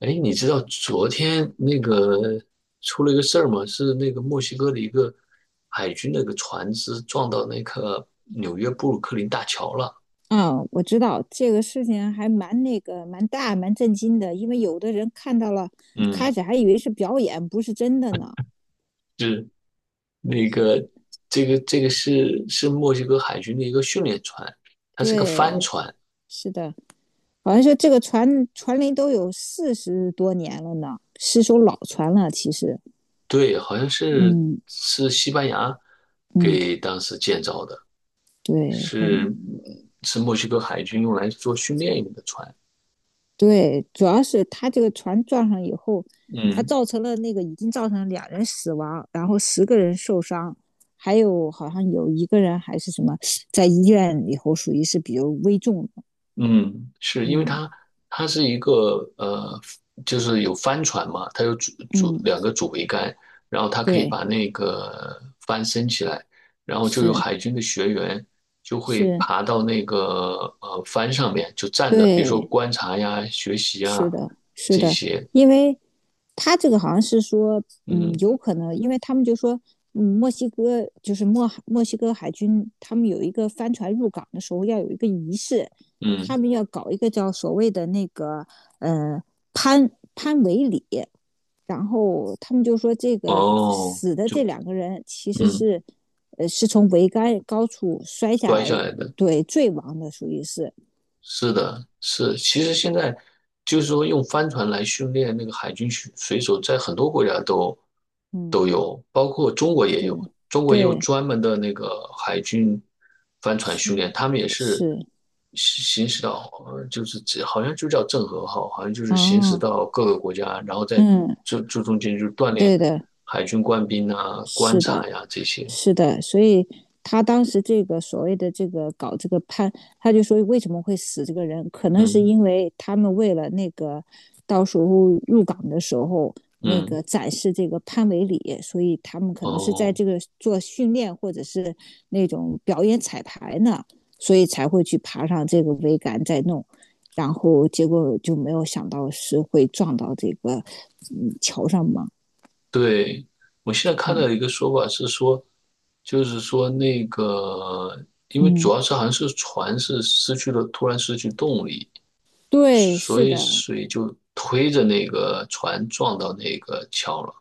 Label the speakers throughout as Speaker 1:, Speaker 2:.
Speaker 1: 哎，你知道昨天那个出了一个事儿吗？是那个墨西哥的一个海军那个船只撞到那个纽约布鲁克林大桥了。
Speaker 2: 嗯，我知道这个事情还蛮蛮大蛮震惊的，因为有的人看到了，
Speaker 1: 嗯，
Speaker 2: 开始还以为是表演，不是真的呢。
Speaker 1: 是那
Speaker 2: 是，
Speaker 1: 个这个是墨西哥海军的一个训练船，它是个帆
Speaker 2: 对，
Speaker 1: 船，
Speaker 2: 是的，好像说这个船龄都有40多年了呢，是艘老船了。其实，
Speaker 1: 对，好像是
Speaker 2: 嗯，
Speaker 1: 是西班牙
Speaker 2: 嗯，
Speaker 1: 给当时建造的，
Speaker 2: 对，
Speaker 1: 是
Speaker 2: 反
Speaker 1: 嗯是墨西哥海军用来做训练用的船。
Speaker 2: 对，主要是他这个船撞上以后，他
Speaker 1: 嗯。
Speaker 2: 造成了那个已经造成了两人死亡，然后10个人受伤，还有好像有一个人还是什么在医院以后属于是比较危重的。
Speaker 1: 嗯，是因为
Speaker 2: 嗯，
Speaker 1: 它是一个呃，就是有帆船嘛，它有
Speaker 2: 嗯，
Speaker 1: 两个主桅杆，然后它可以
Speaker 2: 对，
Speaker 1: 把那个帆升起来，然后就有
Speaker 2: 是，
Speaker 1: 海军的学员就会
Speaker 2: 是，
Speaker 1: 爬到那个帆上面，就站着，比如说
Speaker 2: 对。
Speaker 1: 观察呀、学习
Speaker 2: 是
Speaker 1: 啊
Speaker 2: 的，是
Speaker 1: 这
Speaker 2: 的，
Speaker 1: 些，
Speaker 2: 因为他这个好像是说，嗯，
Speaker 1: 嗯
Speaker 2: 有可能，因为他们就说，嗯，墨西哥就是墨西哥海军，他们有一个帆船入港的时候要有一个仪式，他
Speaker 1: 嗯，
Speaker 2: 们要搞一个叫所谓的那个呃潘维礼，然后他们就说这个
Speaker 1: 哦，
Speaker 2: 死的这
Speaker 1: 就
Speaker 2: 两个人其实
Speaker 1: 嗯
Speaker 2: 是，呃，是从桅杆高处摔下
Speaker 1: 摔
Speaker 2: 来，
Speaker 1: 下来的，
Speaker 2: 对，坠亡的，属于是，
Speaker 1: 是的，是，其实现在就是说用帆船来训练那个海军水手，在很多国家都
Speaker 2: 嗯，
Speaker 1: 有，包括中国也
Speaker 2: 对，
Speaker 1: 有，中国也有
Speaker 2: 对，
Speaker 1: 专门的那个海军帆船训
Speaker 2: 是。
Speaker 1: 练，他们也是
Speaker 2: 是，
Speaker 1: 行驶到，就是这好像就叫郑和号，好像就是行驶
Speaker 2: 哦，
Speaker 1: 到各个国家，然后在
Speaker 2: 嗯，
Speaker 1: 这中间就锻炼
Speaker 2: 对的，
Speaker 1: 海军官兵啊、观
Speaker 2: 是
Speaker 1: 察
Speaker 2: 的。
Speaker 1: 呀、这些，
Speaker 2: 是的，所以他当时这个所谓的这个搞这个判，他就说为什么会死这个人，可能是
Speaker 1: 嗯
Speaker 2: 因为他们为了那个到时候入港的时候那
Speaker 1: 嗯，
Speaker 2: 个展示这个潘维礼，所以他们可能是在
Speaker 1: 哦、
Speaker 2: 这个做训练或者是那种表演彩排呢，所以才会去爬上这个桅杆再弄，然后结果就没有想到是会撞到这个桥上嘛。
Speaker 1: 对，我现在看到一
Speaker 2: 嗯，
Speaker 1: 个说法是说，就是说那个，因为主
Speaker 2: 嗯。
Speaker 1: 要是好像是船是失去了，突然失去动力，
Speaker 2: 对，
Speaker 1: 所
Speaker 2: 是
Speaker 1: 以
Speaker 2: 的，
Speaker 1: 水就推着那个船撞到那个桥了。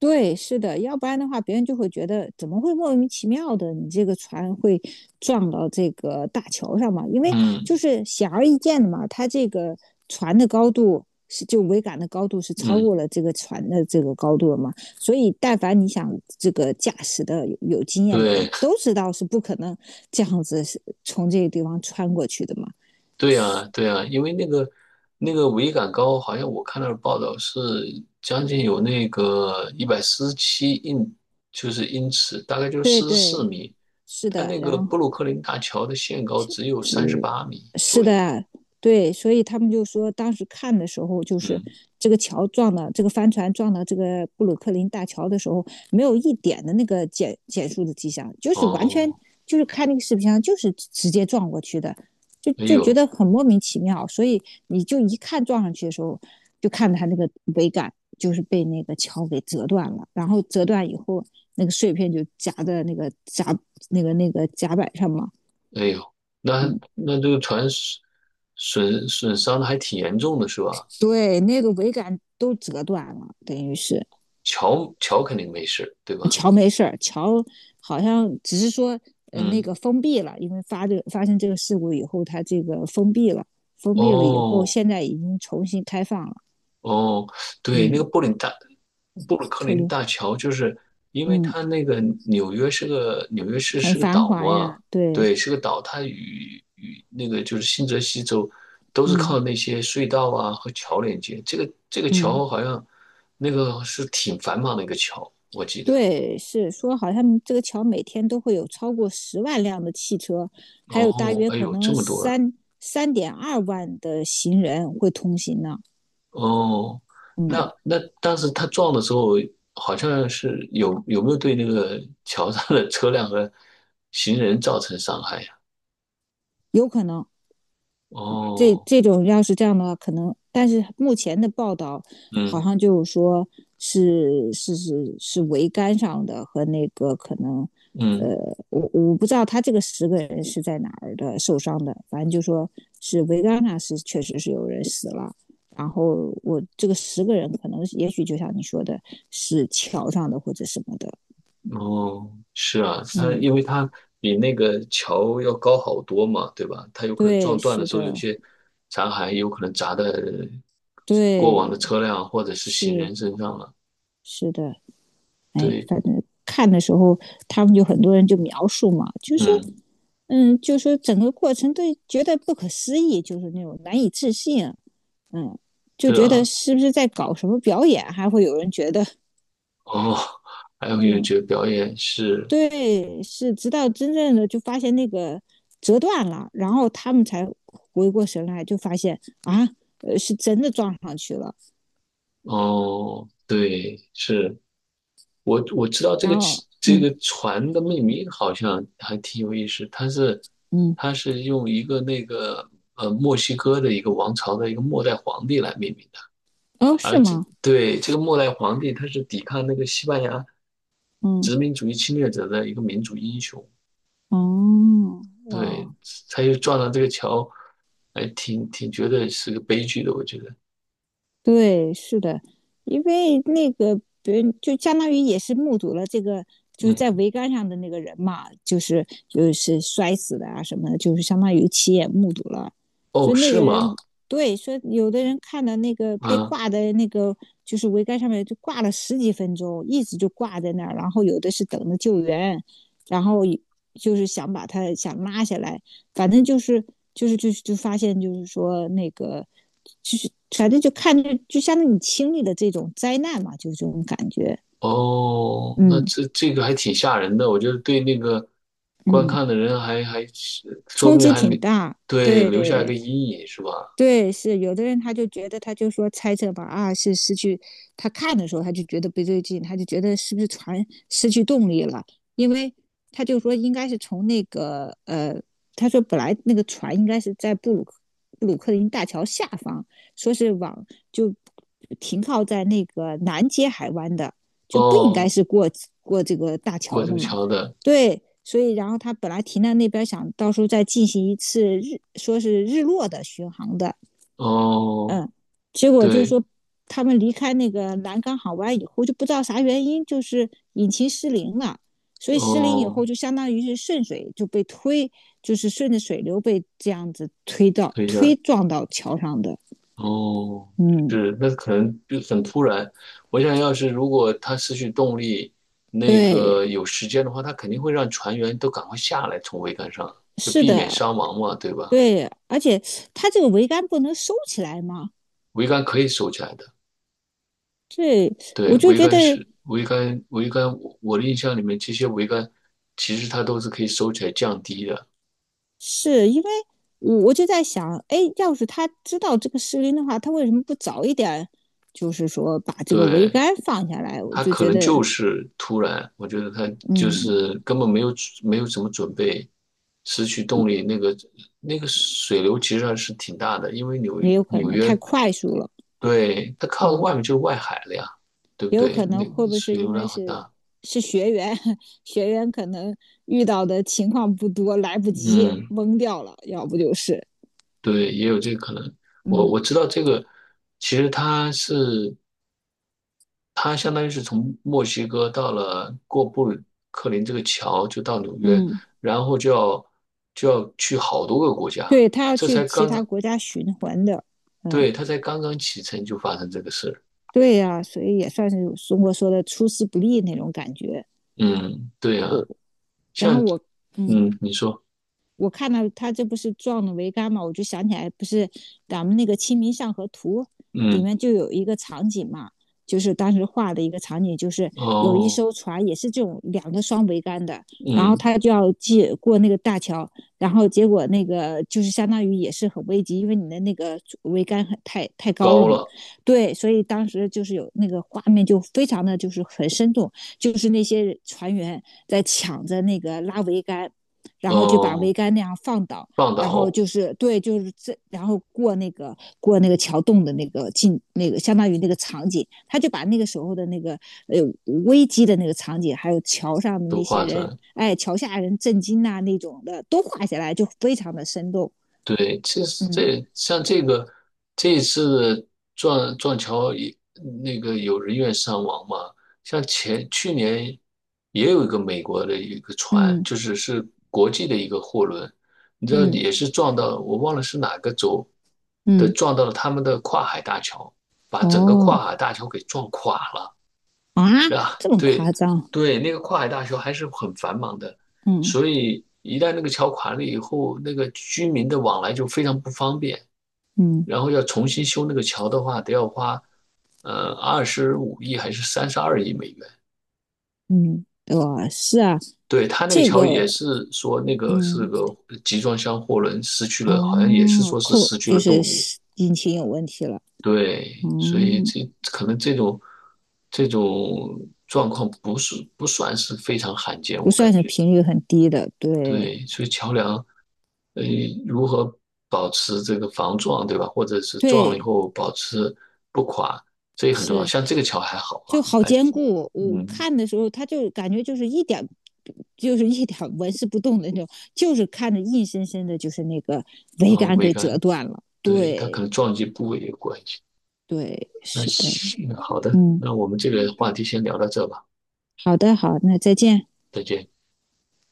Speaker 2: 对，是的，要不然的话，别人就会觉得怎么会莫名其妙的，你这个船会撞到这个大桥上嘛？因为就
Speaker 1: 嗯
Speaker 2: 是显而易见的嘛，它这个船的高度是就桅杆的高度是超过
Speaker 1: 嗯，
Speaker 2: 了这个船的这个高度了嘛，所以但凡你想这个驾驶的有经验的人
Speaker 1: 对。
Speaker 2: 都知道是不可能这样子是从这个地方穿过去的嘛。
Speaker 1: 对呀，对呀，因为那个桅杆高，好像我看到的报道是将近有那个147就是英尺，大概就是
Speaker 2: 对
Speaker 1: 四十四
Speaker 2: 对，
Speaker 1: 米。
Speaker 2: 是
Speaker 1: 它
Speaker 2: 的，
Speaker 1: 那个
Speaker 2: 然
Speaker 1: 布
Speaker 2: 后。
Speaker 1: 鲁克林大桥的限高只有三十
Speaker 2: 是
Speaker 1: 八米
Speaker 2: 是
Speaker 1: 左
Speaker 2: 的
Speaker 1: 右。
Speaker 2: 啊，对，所以他们就说，当时看的时候，就是
Speaker 1: 嗯，
Speaker 2: 这个桥撞到这个帆船撞到这个布鲁克林大桥的时候，没有一点的那个减速的迹象，就是完全
Speaker 1: 哦，
Speaker 2: 就是看那个视频上就是直接撞过去的，就
Speaker 1: 哎
Speaker 2: 就觉
Speaker 1: 呦，
Speaker 2: 得很莫名其妙。所以你就一看撞上去的时候，就看他那个桅杆就是被那个桥给折断了，然后折断以后，那个碎片就夹在那个甲那个那个甲板上嘛。
Speaker 1: 哎呦，那
Speaker 2: 嗯。
Speaker 1: 这个船损伤的还挺严重的，是吧？
Speaker 2: 对，那个桅杆都折断了，等于是
Speaker 1: 桥肯定没事，对吧？
Speaker 2: 桥没事儿，桥好像只是说那
Speaker 1: 嗯，
Speaker 2: 个封闭了，因为发生这个事故以后，它这个封闭了，封闭了以后，
Speaker 1: 哦，
Speaker 2: 现在已经重新开放了。
Speaker 1: 哦，对，那
Speaker 2: 嗯，
Speaker 1: 个布鲁克
Speaker 2: 特
Speaker 1: 林
Speaker 2: 留，
Speaker 1: 大桥，就是因为
Speaker 2: 嗯，
Speaker 1: 它那个纽约市
Speaker 2: 很
Speaker 1: 是个
Speaker 2: 繁
Speaker 1: 岛
Speaker 2: 华
Speaker 1: 嘛，
Speaker 2: 呀，对，
Speaker 1: 对，是个岛，它与那个就是新泽西州都是
Speaker 2: 嗯，
Speaker 1: 靠那些隧道啊和桥连接。这个
Speaker 2: 嗯，
Speaker 1: 桥好像那个是挺繁忙的一个桥，我记得。
Speaker 2: 对，是说好像这个桥每天都会有超过10万辆的汽车，还有大
Speaker 1: 哦，
Speaker 2: 约
Speaker 1: 哎
Speaker 2: 可
Speaker 1: 呦，这
Speaker 2: 能
Speaker 1: 么多
Speaker 2: 3.2万的行人会通行呢。
Speaker 1: 哦，
Speaker 2: 嗯，
Speaker 1: 那当时他撞的时候，好像是有没有对那个 桥上的车辆和行人造成伤害呀？
Speaker 2: 有可能。这
Speaker 1: 哦，
Speaker 2: 这种要是这样的话，可能，但是目前的报道好
Speaker 1: 嗯
Speaker 2: 像就是说是桅杆上的和那个可能，呃，
Speaker 1: 嗯，
Speaker 2: 我不知道他这个十个人是在哪儿的受伤的，反正就说是桅杆上是确实是有人死了，然后我这个十个人可能也许就像你说的，是桥上的或者什么的，
Speaker 1: 哦，是啊，他
Speaker 2: 嗯，
Speaker 1: 因为他比那个桥要高好多嘛，对吧？他有可能
Speaker 2: 对，
Speaker 1: 撞断的
Speaker 2: 是
Speaker 1: 时候，有
Speaker 2: 的，
Speaker 1: 些残骸有可能砸在过往的
Speaker 2: 对，
Speaker 1: 车辆或者是行
Speaker 2: 是
Speaker 1: 人身上了。
Speaker 2: 是的，哎，
Speaker 1: 对，
Speaker 2: 反正看的时候，他们就很多人就描述嘛，就说，
Speaker 1: 嗯，
Speaker 2: 嗯，就说整个过程都觉得不可思议，就是那种难以置信，啊，嗯，就
Speaker 1: 是
Speaker 2: 觉得
Speaker 1: 啊，
Speaker 2: 是不是在搞什么表演，还会有人觉得，
Speaker 1: 哦，还有音乐
Speaker 2: 嗯，
Speaker 1: 节表演是。
Speaker 2: 对，是，直到真正的就发现那个折断了，然后他们才回过神来，就发现啊，呃，是真的撞上去了，
Speaker 1: 哦，对，是我知道这
Speaker 2: 然
Speaker 1: 个
Speaker 2: 后，
Speaker 1: 这
Speaker 2: 嗯，
Speaker 1: 个船的命名好像还挺有意思，它是
Speaker 2: 嗯，
Speaker 1: 用一个那个墨西哥的一个王朝的一个末代皇帝来命名的，
Speaker 2: 哦，是
Speaker 1: 而且
Speaker 2: 吗？
Speaker 1: 对这个末代皇帝他是抵抗那个西班牙
Speaker 2: 嗯，
Speaker 1: 殖民主义侵略者的一个民族英雄，
Speaker 2: 哦，哇哦。
Speaker 1: 对，他就撞上这个桥，还挺觉得是个悲剧的，我觉得，
Speaker 2: 对，是的，因为那个别人就相当于也是目睹了这个，就是在
Speaker 1: 嗯，
Speaker 2: 桅杆上的那个人嘛，就是摔死的啊什么的，就是相当于亲眼目睹了。所
Speaker 1: 哦，
Speaker 2: 以那
Speaker 1: 是
Speaker 2: 个
Speaker 1: 吗？
Speaker 2: 人，对，说有的人看到那个被
Speaker 1: 嗯。
Speaker 2: 挂的那个就是桅杆上面就挂了10几分钟，一直就挂在那儿，然后有的是等着救援，然后就是想把他想拉下来，反正就是就发现就是说那个就是反正就看着就相当于你经历了这种灾难嘛，就这种感觉，
Speaker 1: 哦，那
Speaker 2: 嗯，
Speaker 1: 这个还挺吓人的，我觉得对那个观
Speaker 2: 嗯，
Speaker 1: 看的人还是说
Speaker 2: 冲
Speaker 1: 不定
Speaker 2: 击
Speaker 1: 还
Speaker 2: 挺
Speaker 1: 留
Speaker 2: 大，
Speaker 1: 对留下一
Speaker 2: 对。
Speaker 1: 个阴影是吧？
Speaker 2: 对，是有的人他就觉得，他就说猜测吧，啊，是失去他看的时候他就觉得不对劲，他就觉得是不是船失去动力了？因为他就说应该是从那个他说本来那个船应该是在布鲁克林大桥下方，说是往就停靠在那个南接海湾的，就不应该
Speaker 1: 哦，
Speaker 2: 是过过这个大桥
Speaker 1: 过这
Speaker 2: 的
Speaker 1: 个
Speaker 2: 嘛？
Speaker 1: 桥的，
Speaker 2: 对。所以，然后他本来停在那边，想到时候再进行一次日，说是日落的巡航的，
Speaker 1: 哦，
Speaker 2: 嗯，结果就是
Speaker 1: 对，
Speaker 2: 说他们离开那个南港港湾以后，就不知道啥原因，就是引擎失灵了。所以失灵以后，
Speaker 1: 哦，
Speaker 2: 就相当于是顺水就被推，就是顺着水流被这样子
Speaker 1: 等一
Speaker 2: 推
Speaker 1: 下，
Speaker 2: 撞到桥上的。
Speaker 1: 哦，
Speaker 2: 嗯，
Speaker 1: 是，那可能就很突然。我想要是如果他失去动力，那
Speaker 2: 对，
Speaker 1: 个有时间的话，他肯定会让船员都赶快下来，从桅杆上，就
Speaker 2: 是
Speaker 1: 避免
Speaker 2: 的，
Speaker 1: 伤亡嘛，对吧？
Speaker 2: 对，而且它这个桅杆不能收起来嘛，
Speaker 1: 桅杆可以收起来的。
Speaker 2: 对，我
Speaker 1: 对，
Speaker 2: 就
Speaker 1: 桅
Speaker 2: 觉
Speaker 1: 杆
Speaker 2: 得
Speaker 1: 是桅杆，桅杆，我的印象里面，这些桅杆其实它都是可以收起来降低的。
Speaker 2: 是因为我就在想，哎，要是他知道这个失灵的话，他为什么不早一点，就是说把这个桅
Speaker 1: 对，
Speaker 2: 杆放下来？我
Speaker 1: 它
Speaker 2: 就
Speaker 1: 可
Speaker 2: 觉
Speaker 1: 能
Speaker 2: 得，
Speaker 1: 就是突然，我觉得它就
Speaker 2: 嗯，
Speaker 1: 是根本没有什么准备，失去动力，那个水流其实还是挺大的，因为
Speaker 2: 也有可
Speaker 1: 纽
Speaker 2: 能
Speaker 1: 约，
Speaker 2: 太快速了，
Speaker 1: 对，它靠
Speaker 2: 嗯，
Speaker 1: 外面就是外海了呀，对不
Speaker 2: 也有
Speaker 1: 对？
Speaker 2: 可能
Speaker 1: 那个
Speaker 2: 会不会是
Speaker 1: 水
Speaker 2: 因
Speaker 1: 流
Speaker 2: 为
Speaker 1: 量很
Speaker 2: 是
Speaker 1: 大，
Speaker 2: 是学员，学员可能遇到的情况不多，来不及
Speaker 1: 嗯，
Speaker 2: 懵掉了，要不就是，
Speaker 1: 对，也有这个可能。
Speaker 2: 嗯，
Speaker 1: 我知道这个，其实它是。他相当于是从墨西哥到了过布鲁克林这个桥，就到纽约，
Speaker 2: 嗯，
Speaker 1: 然后就要去好多个国家，
Speaker 2: 对他要
Speaker 1: 这
Speaker 2: 去
Speaker 1: 才
Speaker 2: 其
Speaker 1: 刚
Speaker 2: 他
Speaker 1: 刚，
Speaker 2: 国家循环的，嗯，
Speaker 1: 对，他才刚刚启程就发生这个事儿。
Speaker 2: 对呀、啊所以也算是中国说的出师不利那种感觉。
Speaker 1: 嗯，对
Speaker 2: 我
Speaker 1: 啊，
Speaker 2: 然
Speaker 1: 像
Speaker 2: 后我嗯，
Speaker 1: 嗯，你说，
Speaker 2: 我看到他这不是撞了桅杆嘛，我就想起来，不是咱们那个《清明上河图》里
Speaker 1: 嗯，
Speaker 2: 面就有一个场景嘛，就是当时画的一个场景，就是有一
Speaker 1: 哦，
Speaker 2: 艘船也是这种两个双桅杆的，然后
Speaker 1: 嗯，
Speaker 2: 他就要借过那个大桥，然后结果那个就是相当于也是很危急，因为你的那个桅杆很太高了
Speaker 1: 高
Speaker 2: 嘛，
Speaker 1: 了，
Speaker 2: 对，所以当时就是有那个画面就非常的就是很生动，就是那些船员在抢着那个拉桅杆。然后就把桅
Speaker 1: 哦，
Speaker 2: 杆那样放倒，
Speaker 1: 放
Speaker 2: 然后
Speaker 1: 倒
Speaker 2: 就是对，就是这，然后过那个桥洞的那个相当于那个场景，他就把那个时候的那个呃危机的那个场景，还有桥上的那
Speaker 1: 都
Speaker 2: 些
Speaker 1: 画出
Speaker 2: 人，
Speaker 1: 来，
Speaker 2: 哎，桥下人震惊呐、那种的都画下来，就非常的生动。
Speaker 1: 对，其实
Speaker 2: 嗯，
Speaker 1: 这像这个这一次撞桥也那个有人员伤亡嘛，像去年也有一个美国的一个船，就
Speaker 2: 嗯，
Speaker 1: 是国际的一个货轮，你知道
Speaker 2: 嗯，
Speaker 1: 也是撞到我忘了是哪个州的，
Speaker 2: 嗯，
Speaker 1: 撞到了他们的跨海大桥，把整个
Speaker 2: 哦，
Speaker 1: 跨海大桥给撞垮了。
Speaker 2: 啊，
Speaker 1: 啊，
Speaker 2: 这么
Speaker 1: 对
Speaker 2: 夸张？
Speaker 1: 对，那个跨海大桥还是很繁忙的，
Speaker 2: 嗯，
Speaker 1: 所以一旦那个桥垮了以后，那个居民的往来就非常不方便。
Speaker 2: 嗯，
Speaker 1: 然后要重新修那个桥的话，得要花25亿还是32亿美元。
Speaker 2: 嗯，哇，呃是啊，
Speaker 1: 对，他那个
Speaker 2: 这
Speaker 1: 桥也
Speaker 2: 个
Speaker 1: 是说那个是
Speaker 2: 嗯。
Speaker 1: 个集装箱货轮失去了，好像也是
Speaker 2: 哦，
Speaker 1: 说是
Speaker 2: 扣
Speaker 1: 失去
Speaker 2: 就
Speaker 1: 了
Speaker 2: 是
Speaker 1: 动力。
Speaker 2: 引擎有问题了，
Speaker 1: 对，所以
Speaker 2: 嗯，
Speaker 1: 这可能这种状况不算是非常罕见，
Speaker 2: 不
Speaker 1: 我
Speaker 2: 算
Speaker 1: 感
Speaker 2: 是
Speaker 1: 觉。
Speaker 2: 频率很低的，对
Speaker 1: 对，所以桥梁，呃，如何保持这个防撞，对吧？或者是撞了以
Speaker 2: 对，
Speaker 1: 后保持不垮，这也很重要。
Speaker 2: 是
Speaker 1: 像这个桥还好
Speaker 2: 就
Speaker 1: 啊，
Speaker 2: 好
Speaker 1: 还
Speaker 2: 坚
Speaker 1: 挺，
Speaker 2: 固。我
Speaker 1: 嗯，
Speaker 2: 看的时候，它就感觉就是一点，就是一点纹丝不动的那种，就是看着硬生生的，就是那个
Speaker 1: 然
Speaker 2: 桅
Speaker 1: 后
Speaker 2: 杆
Speaker 1: 桅
Speaker 2: 给折
Speaker 1: 杆，
Speaker 2: 断了。
Speaker 1: 对，它可能
Speaker 2: 对
Speaker 1: 撞击部位有关系。
Speaker 2: 对，
Speaker 1: 那
Speaker 2: 是的，
Speaker 1: 行，好的，
Speaker 2: 嗯，
Speaker 1: 那我们这个话题先聊到这吧，
Speaker 2: 好的好，那再见。
Speaker 1: 再见。